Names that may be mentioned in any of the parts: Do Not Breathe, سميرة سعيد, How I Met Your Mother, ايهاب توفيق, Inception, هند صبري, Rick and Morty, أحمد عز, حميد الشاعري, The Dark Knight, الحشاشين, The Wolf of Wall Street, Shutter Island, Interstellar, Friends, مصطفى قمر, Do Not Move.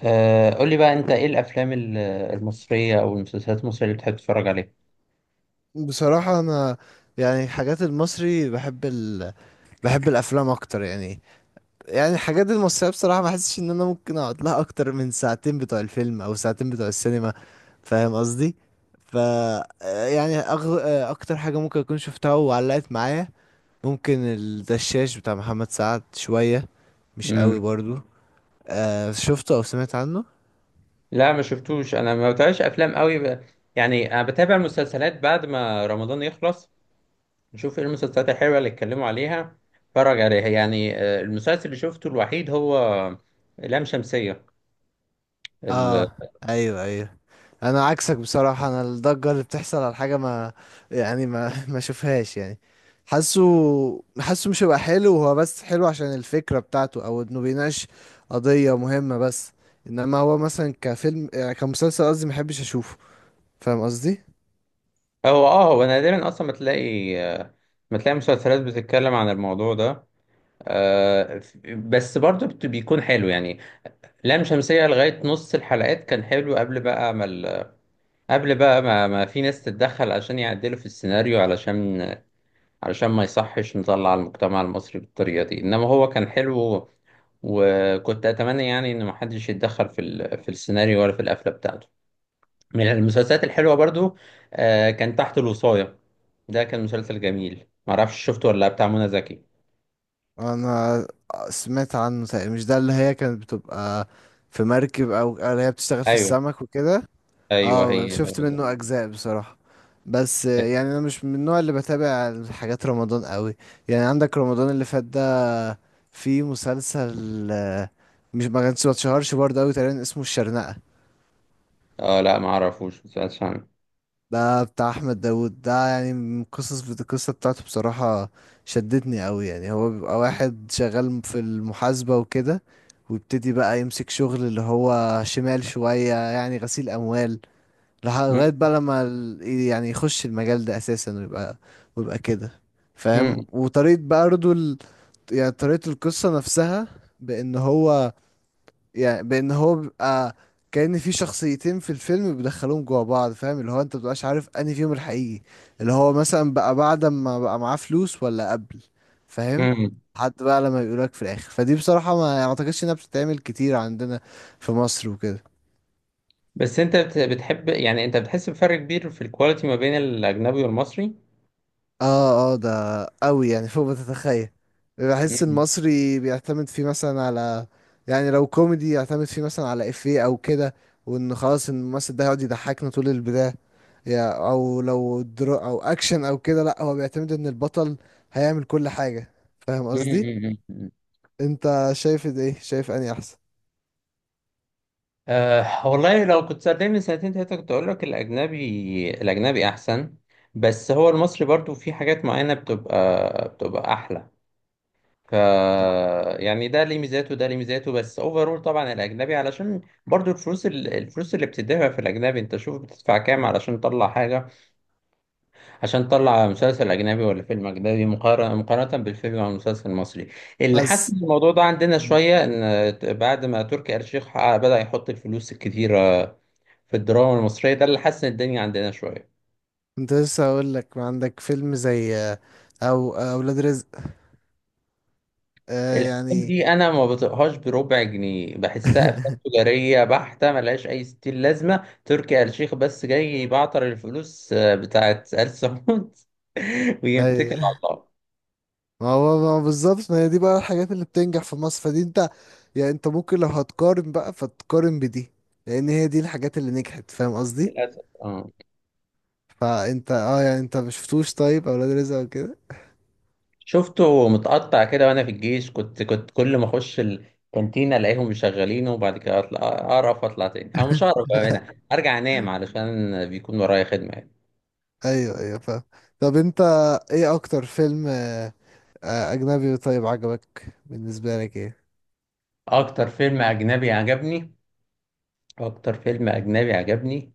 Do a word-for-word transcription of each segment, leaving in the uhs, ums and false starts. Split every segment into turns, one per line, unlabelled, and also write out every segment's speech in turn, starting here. آه، قول لي بقى انت ايه الافلام ال- المصريه او المسلسلات المصريه اللي بتحب تتفرج عليها؟
بصراحة أنا يعني الحاجات المصري بحب ال... بحب الأفلام أكتر يعني يعني الحاجات المصرية بصراحة ما حسش إن أنا ممكن أقعد لها أكتر من ساعتين بتوع الفيلم أو ساعتين بتوع السينما. فاهم قصدي؟ ف يعني أغ... أكتر حاجة ممكن أكون شفتها وعلقت معايا ممكن الدشاش بتاع محمد سعد شوية، مش قوي
امم،
برضو. أه، شفته أو سمعت عنه؟
لا ما شفتوش، انا ما بتابعش افلام قوي ب... يعني انا بتابع المسلسلات بعد ما رمضان يخلص، نشوف ايه المسلسلات الحلوه اللي اتكلموا عليها اتفرج عليها يعني. آه، المسلسل اللي شفته الوحيد هو لام شمسيه ال...
اه، ايوه ايوه. انا عكسك بصراحة، انا الضجة اللي بتحصل على حاجة ما يعني ما ما اشوفهاش يعني. حاسه حاسه مش هيبقى حلو، هو بس حلو عشان الفكرة بتاعته او انه بيناقش قضية مهمة بس. انما هو مثلا كفيلم، آه، كمسلسل قصدي، ما احبش اشوفه. فاهم قصدي؟
هو اه هو نادرا اصلا ما تلاقي، آه، ما تلاقي مسلسلات بتتكلم عن الموضوع ده. آه، ف- بس برضه بت- بيكون حلو يعني. لام شمسية لغاية نص الحلقات كان حلو، قبل بقى ما ال... قبل بقى ما, ما في ناس تتدخل عشان يعدلوا في السيناريو، علشان علشان ما يصحش نطلع المجتمع المصري بالطريقة دي، إنما هو كان حلو وكنت أتمنى يعني إن محدش يتدخل في ال... في السيناريو ولا في القفلة بتاعته. من المسلسلات الحلوة برضو آه كان تحت الوصاية، ده كان مسلسل جميل، معرفش شفته ولا لأ، بتاع منى زكي.
انا سمعت عنه تقريبا، مش ده اللي هي كانت بتبقى في مركب او اللي هي بتشتغل في
أيوه،
السمك وكده؟
أيوه،
اه،
هي هو
شفت
ده.
منه اجزاء بصراحة. بس آه، يعني انا مش من النوع اللي بتابع حاجات رمضان قوي. يعني عندك رمضان اللي فات ده، في مسلسل آه، مش ما كانش ما اتشهرش برضه قوي تقريبا، اسمه الشرنقة.
اه لا، معرفوش مسلسل عنه.
ده بتاع احمد داوود ده، يعني من قصص القصة بتاعته بصراحة شدتني قوي. يعني هو بيبقى واحد شغال في المحاسبة وكده، ويبتدي بقى يمسك شغل اللي هو شمال شوية، يعني غسيل اموال، لح- لغاية
م-
بقى لما ال- يعني يخش المجال ده أساسا، ويبقى ويبقى كده فاهم.
م-
وطريقة بقى برضه ال... يعني طريقة القصة نفسها، بأن هو يعني بأن هو بيبقى كأن في شخصيتين في الفيلم بيدخلوهم جوا بعض. فاهم؟ اللي هو انت مبتبقاش عارف انهي فيهم الحقيقي، اللي هو مثلا بقى بعد ما بقى معاه فلوس ولا قبل. فاهم؟
م.
حتى بقى لما يقولك في الآخر، فدي بصراحة ما يعني ما اعتقدش انها بتتعمل كتير عندنا في مصر وكده.
بس انت بت- بتحب يعني، انت بتحس بفرق كبير في الكواليتي ما بين الاجنبي والمصري؟
اه اه، ده قوي يعني فوق ما تتخيل. بحس
مم.
المصري بيعتمد فيه مثلا على، يعني لو كوميدي يعتمد فيه مثلا على افيه او كده، وان خلاص الممثل ده يقعد يضحكنا طول البداية، يا او لو درو او اكشن او كده، لا هو بيعتمد ان البطل هيعمل كل حاجة. فاهم
مم،
قصدي؟
مم، مم.
انت شايف ده ايه، شايف اني احسن؟
أه والله، لو كنت سألتني من سنتين تلاتة كنت أقول لك الأجنبي، الأجنبي أحسن. بس هو المصري برضو في حاجات معينة بتبقى بتبقى أحلى، ف يعني ده ليه ميزاته وده ليه ميزاته. بس أوفرول طبعا الأجنبي، علشان برضو الفلوس ال- الفلوس اللي بتدفع في الأجنبي، أنت شوف بتدفع كام علشان تطلع حاجة، عشان تطلع مسلسل أجنبي ولا فيلم أجنبي، مقارنة مقارنة بالفيلم أو المسلسل المصري. اللي
بس
حسن الموضوع ده عندنا شوية إن ت- بعد ما تركي آل الشيخ ع- بدأ يحط الفلوس الكتيرة في الدراما المصرية، ده اللي حسن الدنيا عندنا شوية.
كنت لسه هقول لك، ما عندك فيلم زي آه، او آه، اولاد رزق؟ آه
الأفلام
يعني.
دي أنا ما بطيقهاش بربع جنيه، بحسها أفلام تجارية بحتة ملهاش أي ستين لازمة، تركي آل الشيخ بس جاي يبعتر الفلوس آه، بتاعت آل سعود
اي،
ويتكل على الله.
ما هو ما هو بالظبط، ما هي دي بقى الحاجات اللي بتنجح في مصر. فدي انت يعني انت ممكن لو هتقارن بقى فتقارن بدي، لان هي دي الحاجات اللي نجحت. فاهم قصدي؟
للأسف آه.
فانت اه يعني انت مش شفتوش طيب اولاد رزق وكده؟
شفته متقطع كده وانا في الجيش، كنت كنت كل ما اخش الكانتين الاقيهم مشغلينه، وبعد كده اطلع اقرف واطلع تاني، او مش اقرف بقى انا ارجع انام علشان بيكون ورايا خدمه يعني.
ايوه ايوه فاهم. طب انت، ايه اكتر فيلم آه، آه، اجنبي طيب عجبك بالنسبه لك ايه؟
اكتر فيلم اجنبي عجبني اكتر فيلم اجنبي عجبني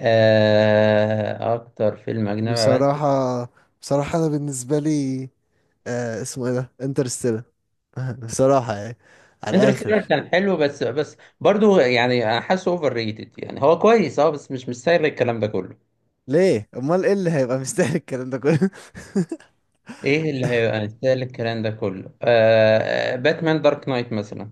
آه، اكتر فيلم اجنبي عجبني
بصراحه بصراحه انا بالنسبه لي، آه اسمه ايه ده، انترستيلر. بصراحه يعني على الاخر.
انترستيلر. كان حلو بس بس برضو يعني أنا حاسه اوفر ريتد يعني، هو كويس اه بس مش مستاهل الكلام ده كله.
ليه، امال ايه اللي هيبقى مستاهل الكلام ده كله؟
ايه اللي هيبقى مستاهل الكلام ده كله؟ آه باتمان دارك نايت مثلا،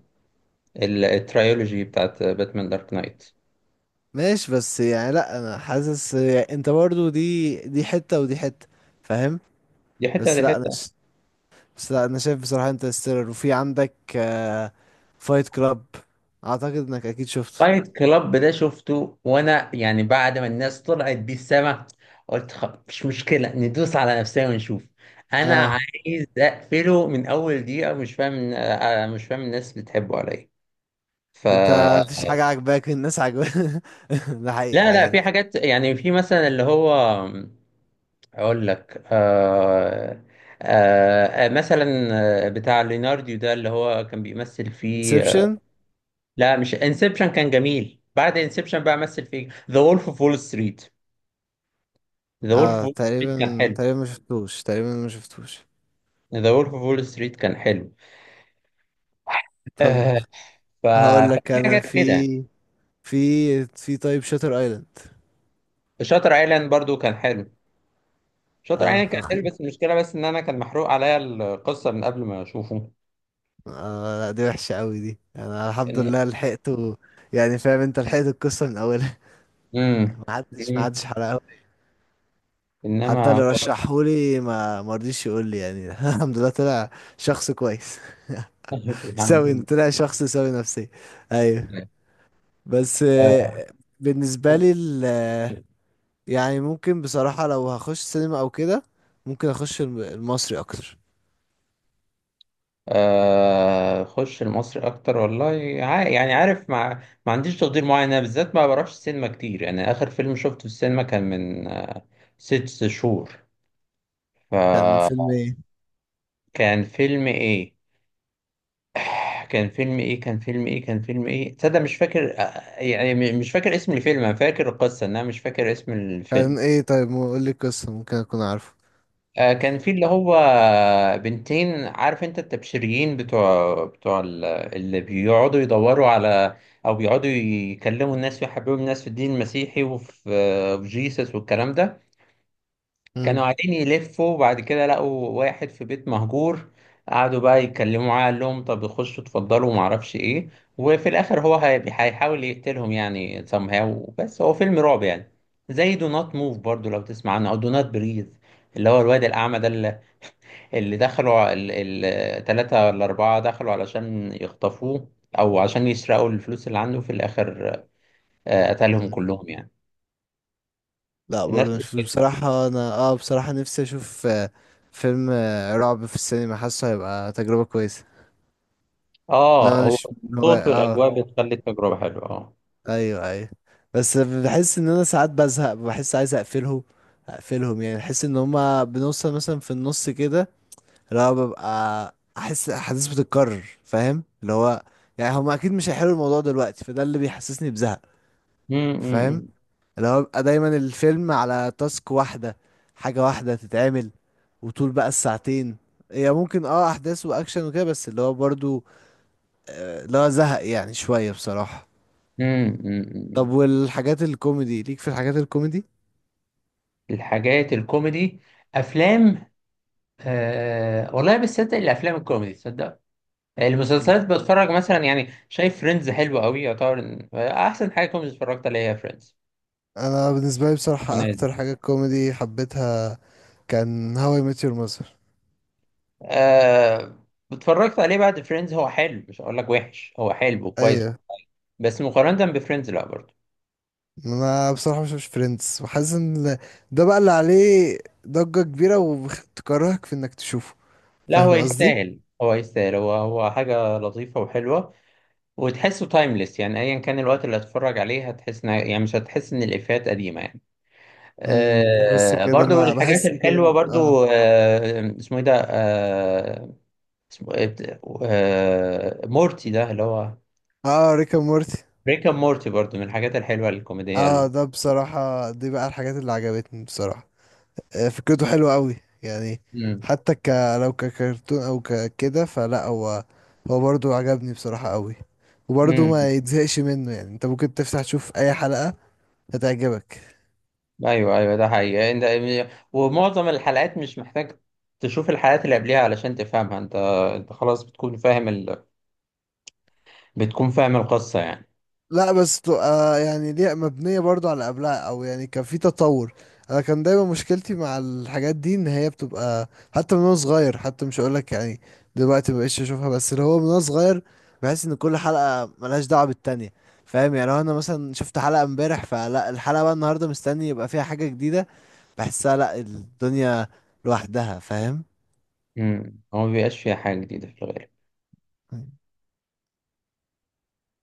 ال- الترايولوجي بتاعت باتمان دارك نايت.
ماشي، بس يعني لا انا حاسس يعني انت برضو دي دي حتة ودي حتة. فاهم؟
دي حته
بس
دي
لا
حته.
انا ش... بس لا انا شايف بصراحة، انت ستيلر وفي عندك آه... فايت كلاب. اعتقد انك اكيد شفته.
فايت كلاب ده شفته وانا يعني بعد ما الناس طلعت بيه السما، قلت خ- مش مشكله ندوس على نفسنا ونشوف. انا
اه.
عايز اقفله من اول دقيقه، مش فاهم، آه، مش فاهم الناس بتحبه على ايه. ف
انت مفيش حاجة عجباك الناس عجباك؟ ده حقيقة
لا لا،
يعني.
في حاجات يعني، في مثلا اللي هو، اقول لك، آه آه آه، مثلا آه، بتاع ليناردو ده اللي هو كان بيمثل فيه.
انسبشن.
لا مش انسبشن، كان جميل بعد انسبشن بقى، مثل في ذا وولف اوف وول ستريت. ذا وولف اوف
اه
وول ستريت كان
تقريبا
حلو.
تقريبا ما شفتوش، تقريبا ما شفتوش.
ذا وولف اوف وول ستريت كان حلو.
طب
آه ف...
هقول لك
ففي
انا
حاجات
في
كده.
في في طيب، شاتر ايلاند.
شاتر ايلاند برضو كان حلو شاتر
اه.
ايلاند كان حلو، بس المشكله بس ان انا كان محروق عليا القصه من قبل ما اشوفه.
آه لا دي وحشة قوي دي، انا الحمد
إن...
لله لحقته. يعني فاهم انت، لحقت القصة من اولها.
مم.
ما حدش ما
مم.
حدش حرقها. حتى
انما
اللي
هو
رشحهولي ما ما رضيش يقول لي يعني. الحمد لله طلع شخص كويس. سوي،
الحمد
طلع شخص سوي نفسيا. ايوه.
لله
بس آه، بالنسبة
آه.
لي ال- آه، يعني ممكن بصراحة لو هخش سينما او كده، ممكن اخش الم- المصري اكتر.
آه، خش المصري اكتر والله. ع- يعني عارف، مع ما عنديش تقدير معين انا بالذات ما بروحش السينما كتير يعني، اخر فيلم شفته في السينما كان من آه، ست شهور،
كان
فكان
فيلم ايه؟
فيلم ايه. كان فيلم ايه كان فيلم ايه كان فيلم ايه تصدق، مش فاكر، آه، يعني م- مش فاكر اسم الفيلم، انا فاكر القصة انا مش فاكر اسم الفيلم.
كان ايه؟ طيب قول لي القصة، ممكن اكون عارفه.
آه، كان في اللي هو بنتين، عارف انت التبشريين بتوع بتوع ال- اللي بيقعدوا يدوروا على، او بيقعدوا يكلموا الناس ويحببوا الناس في الدين المسيحي، وفي آه، في جيسس والكلام ده. كانوا قاعدين يلفوا وبعد كده لقوا واحد في بيت مهجور، قعدوا بقى يتكلموا معاه، قال لهم طب خشوا اتفضلوا وما اعرفش ايه، وفي الاخر هو هي- هيحاول يقتلهم يعني somehow، بس هو فيلم رعب يعني. زي دو نوت موف برضو، لو تسمع عنه، او دو نوت بريز اللي هو الواد الأعمى ده، اللي دخلوا الثلاثة ولا أربعة دخلوا علشان يخطفوه أو عشان يسرقوا الفلوس اللي عنده، في الآخر آه، قتلهم
مم.
كلهم يعني.
لا برضه
نفس
مش
الفكرة.
بصراحة، أنا اه بصراحة نفسي أشوف آه، فيلم آه، رعب في السينما، حاسه هيبقى تجربة كويسة.
اه
إنما أنا
هو
مش من هو
الصوت
اه
والأجواء بتخلي التجربة حلوة، اه.
أيوه أيوه. بس بحس إن أنا ساعات بزهق، بحس عايز أقفلهم أقفلهم. يعني بحس إن هما بنوصل مثلا في النص كده، اللي هو ببقى أحس أحداث بتتكرر. فاهم اللي هو؟ يعني هما أكيد مش هيحلوا الموضوع دلوقتي، فده اللي بيحسسني بزهق.
مم،
فاهم؟
مم،
اللي هو بيبقى دايما الفيلم على تاسك واحدة، حاجة واحدة تتعمل، وطول بقى الساعتين، هي ممكن اه احداث واكشن وكده، بس اللي هو برضو آه، اللي هو زهق يعني شوية بصراحة.
مم. مم،
طب
مم.
والحاجات الكوميدي ليك؟ في الحاجات الكوميدي،
الحاجات الكوميدي، أفلام، آه والله بصدق الأفلام الكوميدي تصدق، المسلسلات بتفرج مثلا يعني، شايف فريندز حلوة قوي، يعتبر إن- أحسن حاجة كوميدي اتفرجت عليها فريندز.
انا بالنسبه لي بصراحه اكتر حاجه كوميدي حبيتها كان هاو اي ميت يور ماذر.
آه اتفرجت عليه بعد فريندز، هو حلو مش هقول لك وحش، هو حلو وكويس،
ايوه.
بس مقارنة بفريندز لا برضه.
انا بصراحه مش مش فريندز، وحاسس ان ده بقى اللي عليه ضجه كبيره وتكرهك في انك تشوفه.
لا هو
فاهم قصدي؟
يستاهل هو يستاهل هو هو حاجة لطيفة وحلوة، وتحسه تايمليس يعني، أيا كان الوقت اللي هتتفرج عليه هتحس إن- يعني مش هتحس إن الإفيهات قديمة يعني.
أمم، بحس
آه
كده
برضو
مع
الحاجات
بحس كده
الحلوة
اه.
برضو، آه اسمه إيه ده آه اسمه إيه بت- آه مورتي ده اللي هو،
اه، ريك اند مورتي.
بريك أب مورتي برضو من الحاجات الحلوة الكوميدية
اه
ال-
ده بصراحة، دي بقى الحاجات اللي عجبتني بصراحة، آه، فكرته حلوة قوي يعني. حتى ك لو ككرتون او ككده، فلا هو، هو برضو عجبني بصراحة قوي، وبرضو
مم.
ما يتزهقش منه يعني. انت ممكن تفتح تشوف اي حلقة هتعجبك.
ايوه، ايوه، ده حقيقي. انت ومعظم الحلقات مش محتاج تشوف الحلقات اللي قبلها علشان تفهمها. انت انت خلاص بتكون فاهم ال... بتكون فاهم القصة يعني.
لا بس تبقى يعني ليه مبنية برضو على قبلها، او يعني كان في تطور. انا كان دايما مشكلتي مع الحاجات دي ان هي بتبقى، حتى من وانا صغير، حتى مش هقولك يعني دلوقتي مبقتش اشوفها، بس اللي هو من وانا صغير بحس ان كل حلقة ملهاش دعوة بالتانية. فاهم؟ يعني لو انا مثلا شفت حلقة امبارح، فلا الحلقة بقى النهاردة مستني يبقى فيها حاجة جديدة، بحسها لا، الدنيا لوحدها. فاهم؟
امم هو ما بيبقاش فيها حاجة جديدة في الغالب.